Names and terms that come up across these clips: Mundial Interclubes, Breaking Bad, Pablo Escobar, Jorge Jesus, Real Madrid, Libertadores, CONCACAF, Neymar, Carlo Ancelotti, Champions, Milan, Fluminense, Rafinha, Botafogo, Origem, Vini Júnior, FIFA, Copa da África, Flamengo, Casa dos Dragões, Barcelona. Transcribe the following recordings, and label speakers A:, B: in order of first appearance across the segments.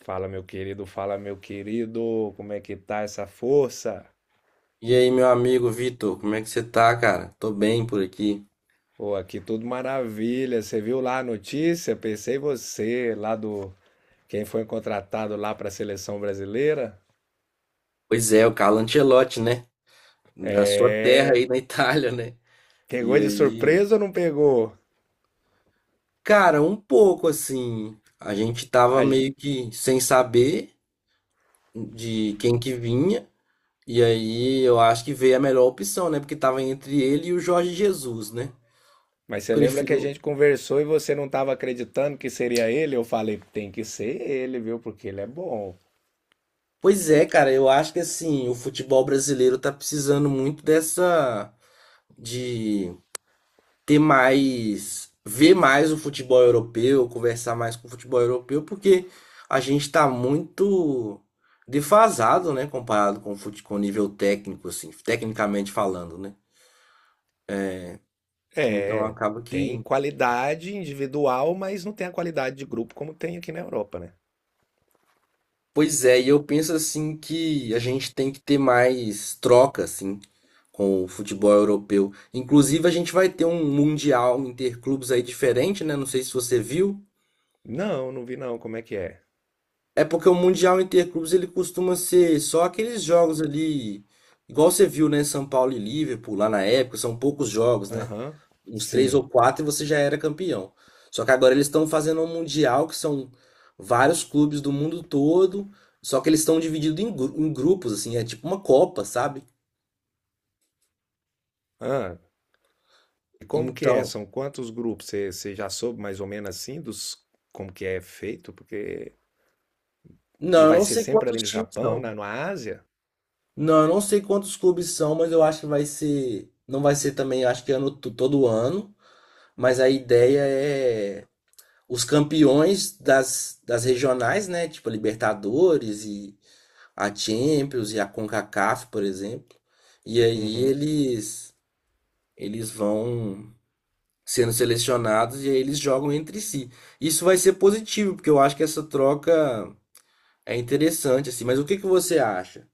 A: Fala, meu querido, como é que tá essa força?
B: E aí, meu amigo Vitor, como é que você tá, cara? Tô bem por aqui.
A: Pô, aqui tudo maravilha. Você viu lá a notícia? Pensei em você, lá do quem foi contratado lá para a seleção brasileira.
B: Pois é, o Carlo Ancelotti, né? Da sua terra
A: É,
B: aí na Itália, né? E
A: pegou de
B: aí,
A: surpresa ou não pegou?
B: cara, um pouco assim, a gente tava
A: A gen-
B: meio que sem saber de quem que vinha, e aí eu acho que veio a melhor opção, né? Porque tava entre ele e o Jorge Jesus, né?
A: Mas você lembra que a gente
B: Prefiro.
A: conversou e você não estava acreditando que seria ele? Eu falei, tem que ser ele, viu? Porque ele é bom.
B: Pois é, cara, eu acho que assim, o futebol brasileiro tá precisando muito dessa de ter mais, ver mais o futebol europeu, conversar mais com o futebol europeu, porque a gente está muito defasado, né, comparado com o com o nível técnico, assim, tecnicamente falando, né? Então
A: É,
B: acaba
A: tem
B: que,
A: qualidade individual, mas não tem a qualidade de grupo como tem aqui na Europa, né?
B: pois é, e eu penso assim que a gente tem que ter mais troca, assim, com o futebol europeu. Inclusive a gente vai ter um mundial interclubes aí diferente, né? Não sei se você viu.
A: Não, não vi não. Como é que é?
B: É porque o Mundial Interclubes ele costuma ser só aqueles jogos ali, igual você viu, né? São Paulo e Liverpool lá na época, são poucos jogos, né?
A: Aham.
B: Uns três
A: Sim.
B: ou quatro e você já era campeão. Só que agora eles estão fazendo um Mundial que são vários clubes do mundo todo, só que eles estão divididos em, em grupos, assim, é tipo uma Copa, sabe?
A: Ah, e como que é?
B: Então,
A: São quantos grupos? Você já soube mais ou menos assim dos como que é feito? Porque e
B: não, eu
A: vai
B: não
A: ser
B: sei
A: sempre ali
B: quantos
A: no
B: times
A: Japão,
B: são.
A: na Ásia?
B: Não, eu não sei quantos clubes são, mas eu acho que vai ser, não vai ser também, eu acho que ano, todo ano. Mas a ideia é os campeões das, das regionais, né? Tipo a Libertadores e a Champions e a CONCACAF, por exemplo. E aí
A: Uhum.
B: eles vão sendo selecionados e aí eles jogam entre si. Isso vai ser positivo, porque eu acho que essa troca é interessante assim, mas o que que você acha?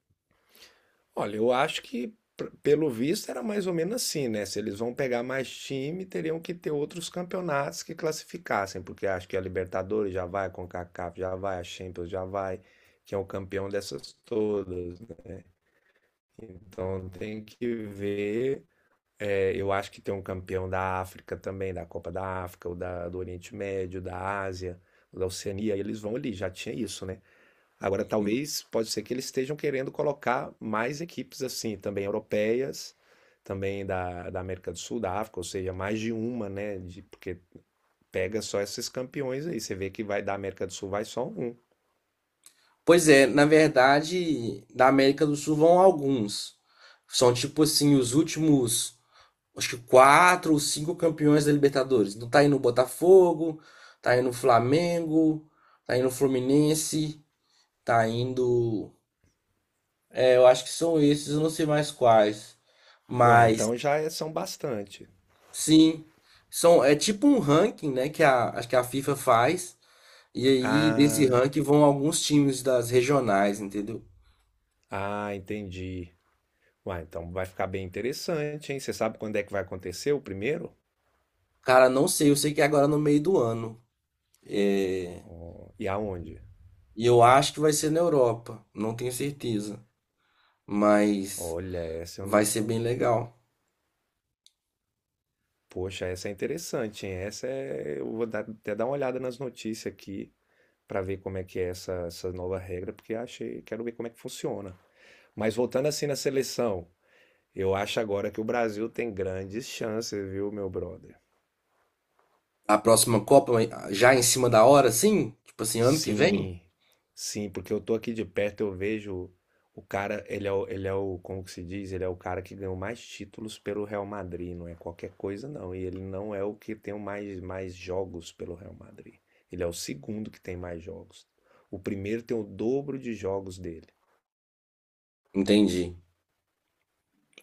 A: Olha, eu acho que pelo visto era mais ou menos assim, né? Se eles vão pegar mais time, teriam que ter outros campeonatos que classificassem, porque acho que a Libertadores já vai, a CONCACAF já vai, a Champions já vai, que é o campeão dessas todas. Então tem que ver. É, eu acho que tem um campeão da África também, da Copa da África, ou da, do Oriente Médio, da Ásia, da Oceania, e eles vão ali, já tinha isso, né? Agora,
B: Uhum.
A: talvez, pode ser que eles estejam querendo colocar mais equipes assim, também europeias, também da, da América do Sul, da África, ou seja, mais de uma, né? De, porque pega só esses campeões aí, você vê que vai da América do Sul, vai só um.
B: Pois é, na verdade, da América do Sul vão alguns. São tipo assim os últimos, acho que quatro ou cinco campeões da Libertadores. Não tá aí no Botafogo, tá aí no Flamengo, tá aí no Fluminense, tá indo. É, eu acho que são esses, eu não sei mais quais.
A: Uai,
B: Mas
A: então são bastante.
B: sim, são é tipo um ranking, né, que a acho que a FIFA faz. E aí desse
A: Ah,
B: ranking vão alguns times das regionais, entendeu?
A: ah, entendi. Uai, então vai ficar bem interessante, hein? Você sabe quando é que vai acontecer o primeiro?
B: Cara, não sei, eu sei que é agora no meio do ano. É,
A: E aonde?
B: e eu acho que vai ser na Europa, não tenho certeza. Mas
A: Olha, essa eu
B: vai
A: não.
B: ser bem legal.
A: Poxa, essa é interessante, hein? Essa é. Eu vou até dar uma olhada nas notícias aqui para ver como é que é essa, essa nova regra, porque achei. Quero ver como é que funciona. Mas voltando assim na seleção, eu acho agora que o Brasil tem grandes chances, viu, meu brother?
B: A próxima Copa, ah, já em cima da hora, sim? Tipo assim, ano que vem?
A: Sim, sim, porque eu tô aqui de perto, eu vejo o cara, ele é o, como que se diz? Ele é o cara que ganhou mais títulos pelo Real Madrid, não é qualquer coisa não. E ele não é o que tem o mais jogos pelo Real Madrid. Ele é o segundo que tem mais jogos. O primeiro tem o dobro de jogos dele.
B: Entendi.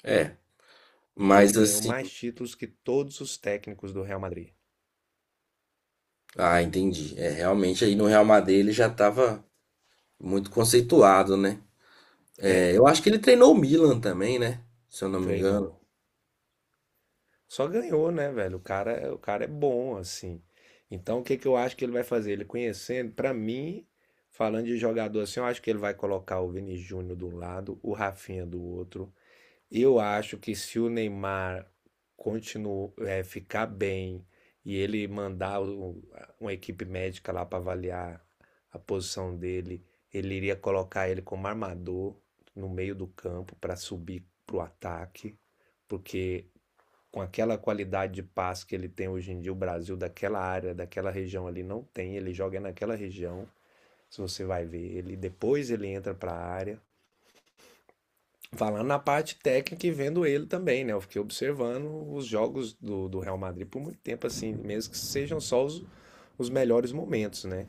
B: É,
A: E ele
B: mas
A: ganhou
B: assim,
A: mais títulos que todos os técnicos do Real Madrid.
B: ah, entendi. É, realmente aí no Real Madrid ele já tava muito conceituado, né? É,
A: É,
B: eu acho que ele treinou o Milan também, né? Se eu não me engano.
A: treinou. Só ganhou, né, velho? O cara é bom, assim. Então, o que que eu acho que ele vai fazer? Ele conhecendo, pra mim, falando de jogador assim, eu acho que ele vai colocar o Vini Júnior do lado, o Rafinha do outro. Eu acho que se o Neymar continuar, ficar bem e ele mandar uma equipe médica lá para avaliar a posição dele, ele iria colocar ele como armador no meio do campo para subir pro ataque, porque com aquela qualidade de passe que ele tem hoje em dia, o Brasil daquela área, daquela região ali não tem, ele joga naquela região. Se você vai ver ele, depois ele entra para a área. Falando na parte técnica e vendo ele também, né? Eu fiquei observando os jogos do Real Madrid por muito tempo, assim, mesmo que sejam só os melhores momentos, né?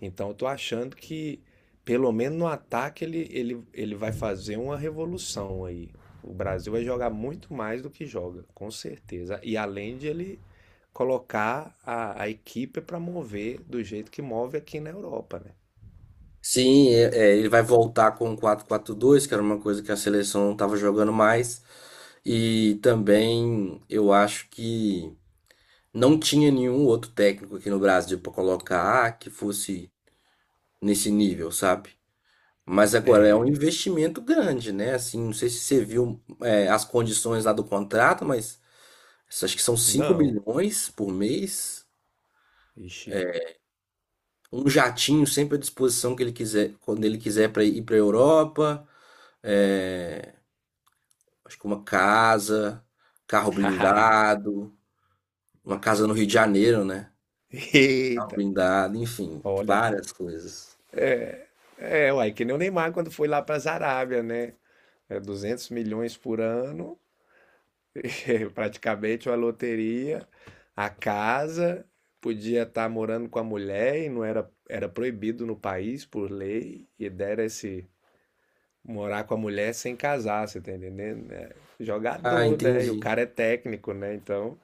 A: Então eu tô achando que, pelo menos no ataque, ele vai fazer uma revolução aí. O Brasil vai jogar muito mais do que joga, com certeza. E além de ele colocar a equipe para mover do jeito que move aqui na Europa, né?
B: Sim, é, ele vai voltar com o quatro 4 2, que era uma coisa que a seleção não tava jogando mais. E também eu acho que não tinha nenhum outro técnico aqui no Brasil para colocar, ah, que fosse nesse nível, sabe? Mas agora é um
A: É,
B: investimento grande, né? Assim, não sei se você viu, é, as condições lá do contrato, mas acho que são 5
A: não.
B: milhões por mês.
A: Ixi.
B: Um jatinho sempre à disposição que ele quiser, quando ele quiser, para ir para a Europa. É, acho que uma casa, carro blindado, uma casa no Rio de Janeiro, né? Carro
A: Eita.
B: blindado, enfim,
A: Olha.
B: várias coisas.
A: É, uai, que nem o Neymar quando foi lá para a Arábia, né? É 200 milhões por ano. Praticamente uma loteria, a casa, podia estar morando com a mulher e não era, era proibido no país por lei, e dera esse morar com a mulher sem casar, você tá entendendo? É
B: Ah,
A: jogador, né? E o
B: entendi.
A: cara é técnico, né? Então,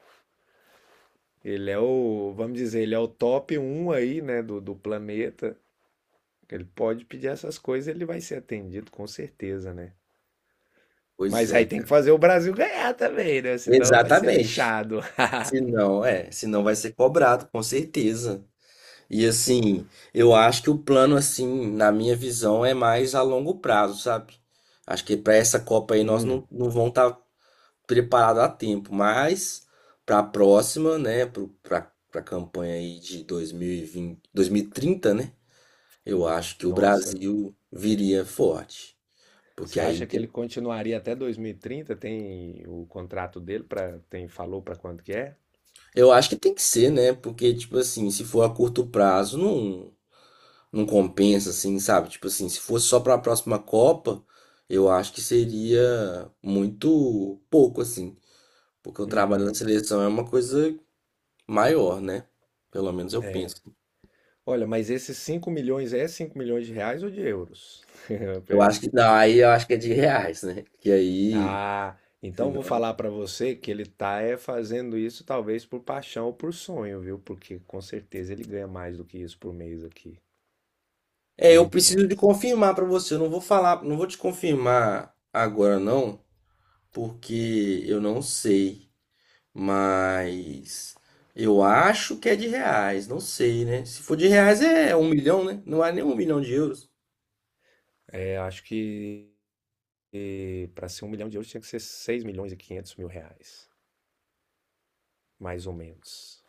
A: ele é o, vamos dizer, ele é o top um aí, né, do planeta. Ele pode pedir essas coisas, ele vai ser atendido com certeza, né?
B: Pois
A: Mas
B: é,
A: aí tem que
B: cara.
A: fazer o Brasil ganhar também, né? Senão vai ser
B: Exatamente.
A: leixado.
B: Se não, é, se não vai ser cobrado, com certeza. E assim, eu acho que o plano, assim, na minha visão, é mais a longo prazo, sabe? Acho que para essa Copa aí nós
A: Hum,
B: não vamos estar preparados a tempo, mas para a próxima, né, para a campanha aí de 2020, 2030, né? Eu acho que o
A: nossa.
B: Brasil viria forte. Porque
A: Você
B: aí
A: acha que ele
B: tem,
A: continuaria até 2030? Tem o contrato dele para tem falou para quanto que é?
B: eu acho que tem que ser, né? Porque tipo assim, se for a curto prazo, não compensa, assim, sabe? Tipo assim, se fosse só para a próxima Copa, eu acho que seria muito pouco, assim. Porque o trabalho da
A: Uhum.
B: seleção é uma coisa maior, né? Pelo menos eu penso.
A: Olha, mas esses 5 milhões é 5 milhões de reais ou de euros?
B: Eu acho que não, aí eu acho que é de reais, né? Que aí,
A: Ah,
B: se
A: então vou
B: não.
A: falar para você que ele tá é fazendo isso talvez por paixão ou por sonho, viu? Porque com certeza ele ganha mais do que isso por mês aqui,
B: É, eu
A: muito
B: preciso de
A: mais.
B: confirmar pra você. Eu não vou falar, não vou te confirmar agora não, porque eu não sei. Mas eu acho que é de reais, não sei, né? Se for de reais é um milhão, né? Não é nem um milhão de euros.
A: É, acho que para ser um milhão de euros tinha que ser 6.500.000 reais, mais ou menos.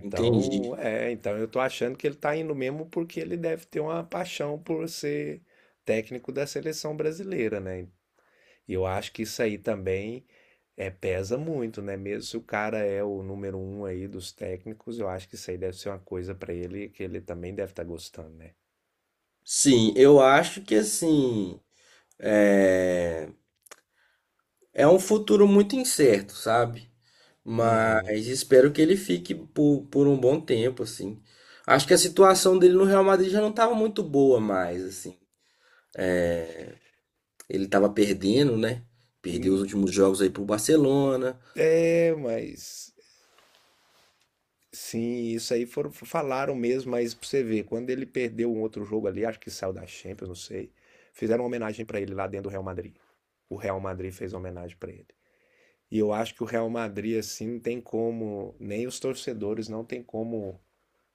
B: Entendi.
A: é, então eu tô achando que ele tá indo mesmo porque ele deve ter uma paixão por ser técnico da seleção brasileira, né? E eu acho que isso aí também é, pesa muito, né? Mesmo se o cara é o número um aí dos técnicos, eu acho que isso aí deve ser uma coisa pra ele que ele também deve estar gostando, né?
B: Sim, eu acho que assim é, é um futuro muito incerto, sabe?
A: Uhum.
B: Mas espero que ele fique por um bom tempo, assim. Acho que a situação dele no Real Madrid já não estava muito boa mais, assim. Ele estava perdendo, né? Perdeu os
A: Hum.
B: últimos jogos aí pro Barcelona.
A: É, mas sim, isso aí foram, falaram mesmo, mas pra você ver, quando ele perdeu um outro jogo ali, acho que saiu da Champions, não sei. Fizeram uma homenagem pra ele lá dentro do Real Madrid. O Real Madrid fez uma homenagem pra ele. E eu acho que o Real Madrid, assim, não tem como, nem os torcedores não tem como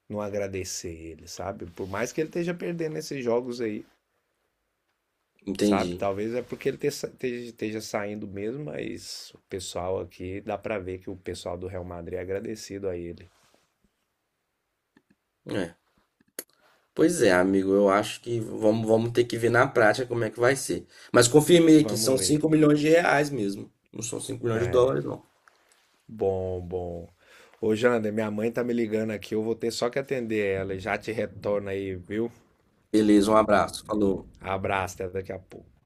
A: não agradecer ele, sabe? Por mais que ele esteja perdendo esses jogos aí, sabe?
B: Entendi.
A: Talvez é porque ele esteja saindo mesmo, mas o pessoal aqui, dá pra ver que o pessoal do Real Madrid é agradecido a ele.
B: É. Pois é, amigo, eu acho que vamos ter que ver na prática como é que vai ser. Mas confirmei que
A: Vamos
B: são
A: ver.
B: R$ 5 milhões mesmo. Não são US$ 5 milhões, não.
A: Bom, bom. Ô, Jander, minha mãe tá me ligando aqui, eu vou ter só que atender ela. Já te retorno aí, viu?
B: Beleza, um abraço. Falou.
A: Abraço, até daqui a pouco.